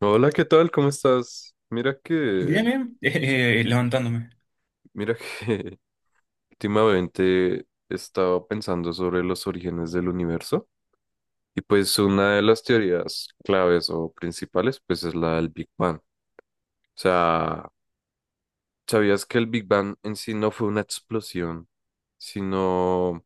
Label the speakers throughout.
Speaker 1: Hola, ¿qué tal? ¿Cómo estás? Mira que,
Speaker 2: Bien, bien, levantándome.
Speaker 1: mira que últimamente estaba pensando sobre los orígenes del universo y pues una de las teorías claves o principales pues es la del Big Bang. O sea, ¿sabías que el Big Bang en sí no fue una explosión, sino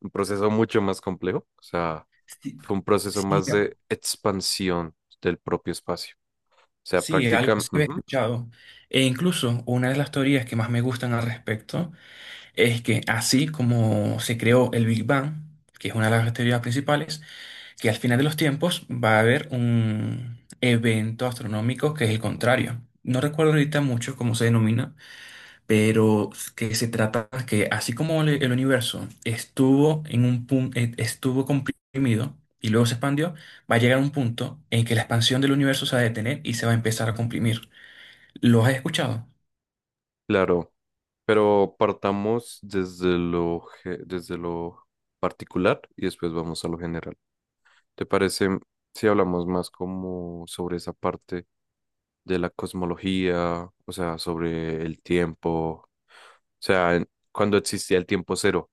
Speaker 1: un proceso mucho más complejo? O sea,
Speaker 2: Sí,
Speaker 1: fue un proceso
Speaker 2: sí,
Speaker 1: más de expansión del propio espacio. O sea,
Speaker 2: sí, algo
Speaker 1: prácticamente,
Speaker 2: se había escuchado. E incluso una de las teorías que más me gustan al respecto es que así como se creó el Big Bang, que es una de las teorías principales, que al final de los tiempos va a haber un evento astronómico que es el contrario. No recuerdo ahorita mucho cómo se denomina, pero que se trata que así como el universo estuvo en un punto, estuvo comprimido y luego se expandió, va a llegar un punto en que la expansión del universo se va a detener y se va a empezar a comprimir. ¿Lo has escuchado?
Speaker 1: claro. Pero partamos desde lo particular y después vamos a lo general. ¿Te parece si hablamos más como sobre esa parte de la cosmología, o sea, sobre el tiempo, o sea, cuando existía el tiempo cero,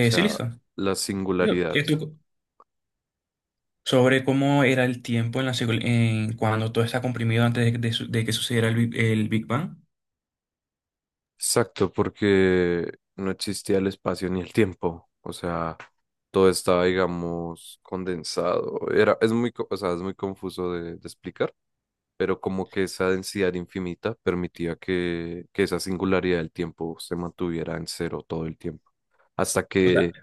Speaker 1: o
Speaker 2: Sí,
Speaker 1: sea,
Speaker 2: listo.
Speaker 1: la
Speaker 2: Yo-
Speaker 1: singularidad?
Speaker 2: eh, tú- Sobre cómo era el tiempo en en cuando todo está comprimido antes de que sucediera el Big Bang.
Speaker 1: Exacto, porque no existía el espacio ni el tiempo, o sea, todo estaba, digamos, condensado. Era, es muy, co- O sea, es muy confuso de explicar, pero como que esa densidad infinita permitía que esa singularidad del tiempo se mantuviera en cero todo el tiempo. Hasta
Speaker 2: O sea,
Speaker 1: que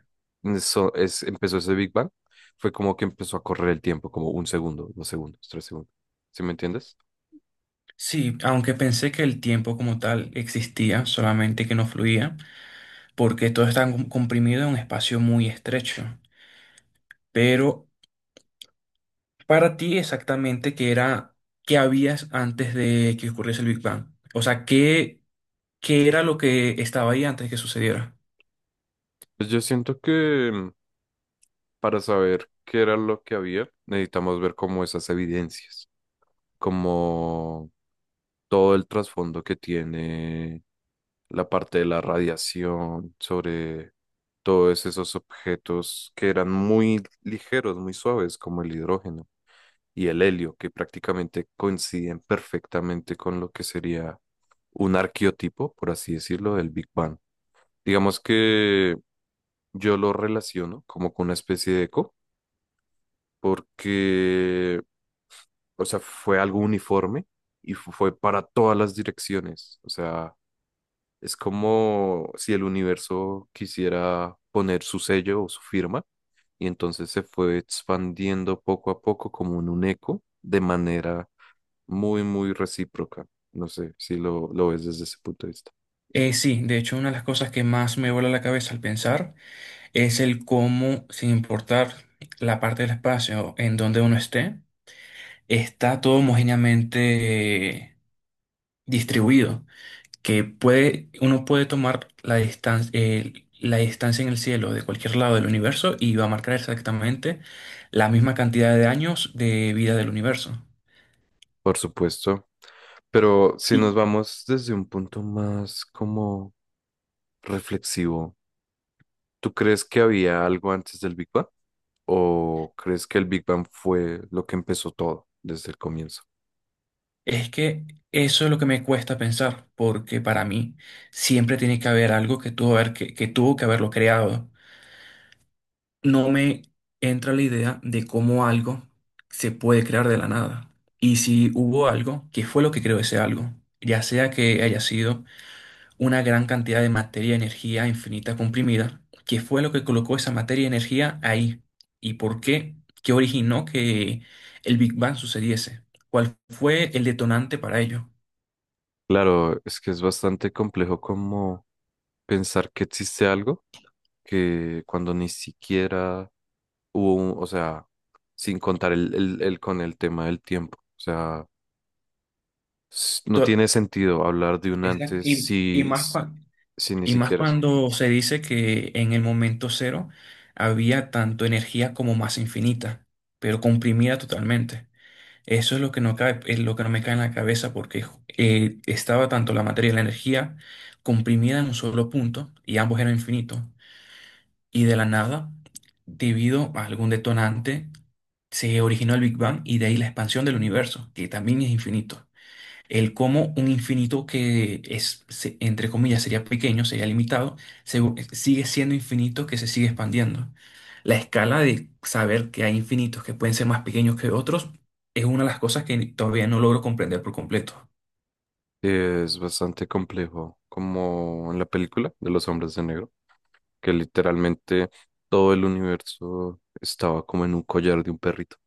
Speaker 1: eso es, Empezó ese Big Bang, fue como que empezó a correr el tiempo, como un segundo, dos segundos, tres segundos. ¿Sí me entiendes?
Speaker 2: sí, aunque pensé que el tiempo como tal existía, solamente que no fluía, porque todo está comprimido en un espacio muy estrecho. Pero para ti exactamente, ¿qué era, qué habías antes de que ocurriese el Big Bang? O sea, ¿qué, qué era lo que estaba ahí antes de que sucediera?
Speaker 1: Pues yo siento que para saber qué era lo que había, necesitamos ver como esas evidencias, como todo el trasfondo que tiene la parte de la radiación, sobre todos esos objetos que eran muy ligeros, muy suaves, como el hidrógeno y el helio, que prácticamente coinciden perfectamente con lo que sería un arqueotipo, por así decirlo, del Big Bang. Digamos que yo lo relaciono como con una especie de eco, porque, o sea, fue algo uniforme y fue para todas las direcciones, o sea. Es como si el universo quisiera poner su sello o su firma y entonces se fue expandiendo poco a poco como en un eco de manera muy, muy recíproca. No sé si lo ves desde ese punto de vista.
Speaker 2: Sí, de hecho, una de las cosas que más me vuela la cabeza al pensar es el cómo, sin importar la parte del espacio en donde uno esté, está todo homogéneamente distribuido, que puede, uno puede tomar la distancia en el cielo de cualquier lado del universo y va a marcar exactamente la misma cantidad de años de vida del universo.
Speaker 1: Por supuesto. Pero si nos
Speaker 2: Y
Speaker 1: vamos desde un punto más como reflexivo, ¿tú crees que había algo antes del Big Bang? ¿O crees que el Big Bang fue lo que empezó todo desde el comienzo?
Speaker 2: es que eso es lo que me cuesta pensar, porque para mí siempre tiene que haber algo que que tuvo que haberlo creado. No me entra la idea de cómo algo se puede crear de la nada. Y si hubo algo, ¿qué fue lo que creó ese algo? Ya sea que haya sido una gran cantidad de materia y energía infinita comprimida, que fue lo que colocó esa materia y energía ahí. ¿Y por qué? ¿Qué originó que el Big Bang sucediese? ¿Cuál fue el detonante para ello?
Speaker 1: Claro, es que es bastante complejo como pensar que existe algo que cuando ni siquiera o sea, sin contar con el tema del tiempo. O sea, no
Speaker 2: To-
Speaker 1: tiene sentido hablar de un
Speaker 2: Exacto.
Speaker 1: antes si ni
Speaker 2: Y más
Speaker 1: siquiera
Speaker 2: cuando se dice que en el momento cero había tanto energía como masa infinita, pero comprimida totalmente. Eso es lo que no cabe, es lo que no me cae en la cabeza porque estaba tanto la materia y la energía comprimida en un solo punto y ambos eran infinitos. Y de la nada, debido a algún detonante, se originó el Big Bang y de ahí la expansión del universo, que también es infinito. El cómo un infinito que entre comillas, sería pequeño, sería limitado, se- sigue siendo infinito que se sigue expandiendo. La escala de saber que hay infinitos que pueden ser más pequeños que otros es una de las cosas que todavía no logro comprender por completo.
Speaker 1: es bastante complejo, como en la película de los hombres de negro, que literalmente todo el universo estaba como en un collar de un perrito.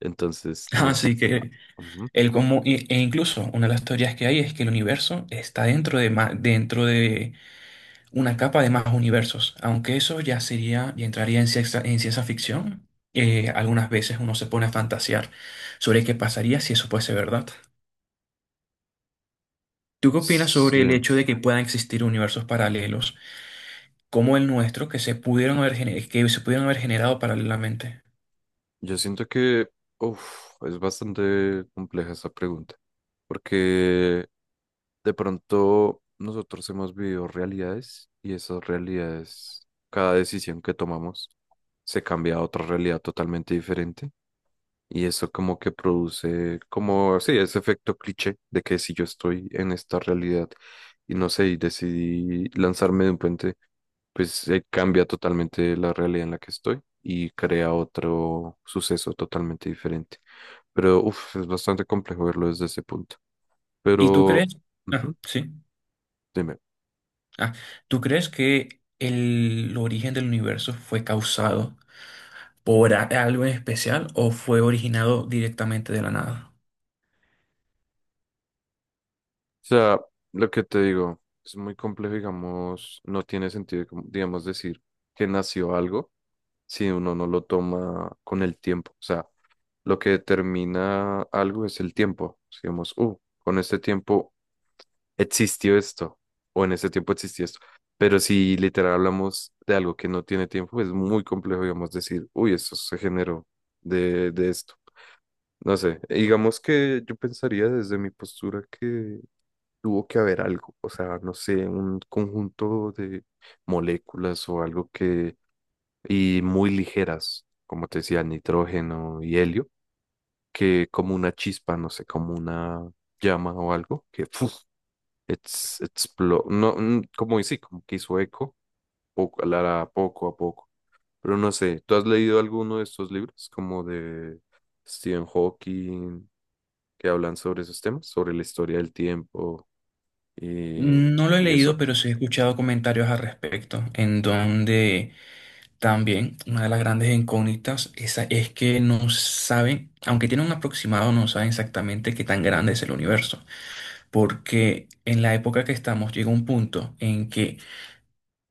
Speaker 1: Entonces, nos...
Speaker 2: Así que
Speaker 1: ujú.
Speaker 2: el cómo, incluso una de las teorías que hay es que el universo está dentro de, dentro de una capa de más universos, aunque eso ya sería, ya entraría en ciencia ficción. Algunas veces uno se pone a fantasear sobre qué pasaría si eso fuese verdad. ¿Tú qué opinas sobre el
Speaker 1: Sí.
Speaker 2: hecho de que puedan existir universos paralelos como el nuestro que se pudieron que se pudieron haber generado paralelamente?
Speaker 1: Yo siento que, uf, es bastante compleja esa pregunta, porque de pronto nosotros hemos vivido realidades y esas realidades, cada decisión que tomamos se cambia a otra realidad totalmente diferente y eso como que produce como, sí, ese efecto cliché de que si yo estoy en esta realidad y no sé, y decidí lanzarme de un puente, pues cambia totalmente la realidad en la que estoy y crea otro suceso totalmente diferente. Pero uf, es bastante complejo verlo desde ese punto.
Speaker 2: ¿Y tú
Speaker 1: Pero,
Speaker 2: crees? Ah,
Speaker 1: ujú,
Speaker 2: sí.
Speaker 1: dime. O
Speaker 2: Ah, ¿tú crees que el origen del universo fue causado por algo en especial o fue originado directamente de la nada?
Speaker 1: sea, lo que te digo, es muy complejo, digamos, no tiene sentido, como, digamos, decir que nació algo si uno no lo toma con el tiempo. O sea, lo que determina algo es el tiempo. Digamos, con este tiempo existió esto, o en ese tiempo existió esto. Pero si literal hablamos de algo que no tiene tiempo, es muy complejo, digamos, decir, uy, esto se generó de esto. No sé, digamos que yo pensaría desde mi postura que tuvo que haber algo, o sea, no sé, un conjunto de moléculas o algo que, y muy ligeras, como te decía, nitrógeno y helio, que como una chispa, no sé, como una llama o algo, que ¡fuf! It's, explo- no, mm, como y sí, como que hizo eco, poco, poco a poco. Pero no sé, ¿tú has leído alguno de estos libros, como de Stephen Hawking, que hablan sobre esos temas, sobre la historia del tiempo y,
Speaker 2: No lo he
Speaker 1: y eso?
Speaker 2: leído, pero sí he escuchado comentarios al respecto, en donde también una de las grandes incógnitas esa es que no saben, aunque tienen un aproximado, no saben exactamente qué tan grande es el universo, porque en la época que estamos llega un punto en que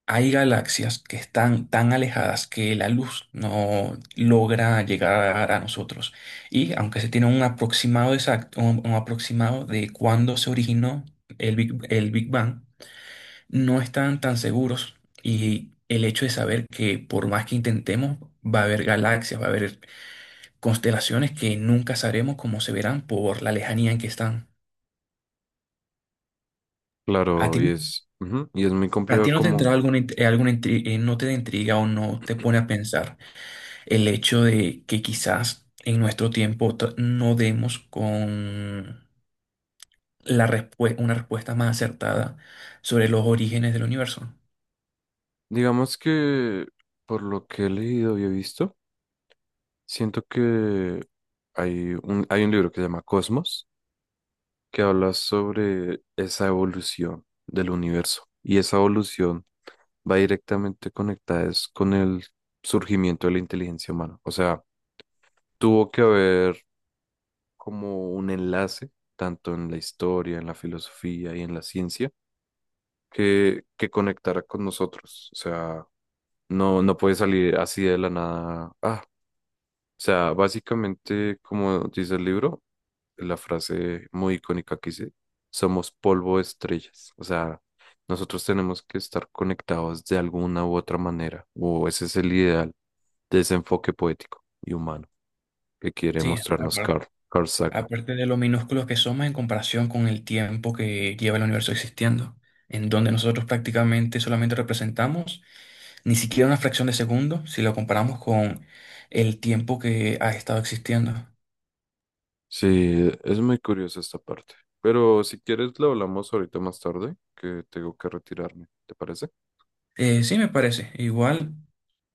Speaker 2: hay galaxias que están tan alejadas que la luz no logra llegar a nosotros. Y aunque se tiene un aproximado exacto, un aproximado de cuándo se originó el Big Bang, no están tan seguros, y el hecho de saber que por más que intentemos, va a haber galaxias, va a haber constelaciones que nunca sabremos cómo se verán por la lejanía en que están. ¿A
Speaker 1: Claro,
Speaker 2: ti,
Speaker 1: y es, ujú, y es muy
Speaker 2: a ti
Speaker 1: complejo
Speaker 2: no te entra
Speaker 1: como,
Speaker 2: alguna, alguna no te da intriga o no te pone a pensar el hecho de que quizás en nuestro tiempo no demos con una respuesta más acertada sobre los orígenes del universo?
Speaker 1: digamos que por lo que he leído y he visto, siento que hay un libro que se llama Cosmos que habla sobre esa evolución del universo. Y esa evolución va directamente conectada es con el surgimiento de la inteligencia humana. O sea, tuvo que haber como un enlace, tanto en la historia, en la filosofía y en la ciencia, que conectara con nosotros. O sea, no puede salir así de la nada. Ah, o sea, básicamente, como dice el libro, la frase muy icónica que dice, somos polvo de estrellas. O sea, nosotros tenemos que estar conectados de alguna u otra manera, o ese es el ideal de ese enfoque poético y humano que quiere
Speaker 2: Sí,
Speaker 1: mostrarnos Carl Sagan.
Speaker 2: aparte de lo minúsculos que somos en comparación con el tiempo que lleva el universo existiendo, en donde nosotros prácticamente solamente representamos ni siquiera una fracción de segundo si lo comparamos con el tiempo que ha estado existiendo.
Speaker 1: Sí, es muy curiosa esta parte. Pero si quieres, lo hablamos ahorita más tarde, que tengo que retirarme, ¿te parece?
Speaker 2: Sí, me parece. Igual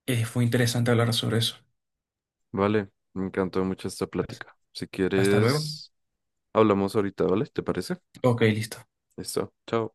Speaker 2: fue interesante hablar sobre eso.
Speaker 1: Vale, me encantó mucho esta plática. Si
Speaker 2: Hasta luego.
Speaker 1: quieres, hablamos ahorita, ¿vale? ¿Te parece?
Speaker 2: Ok, listo.
Speaker 1: Listo, chao.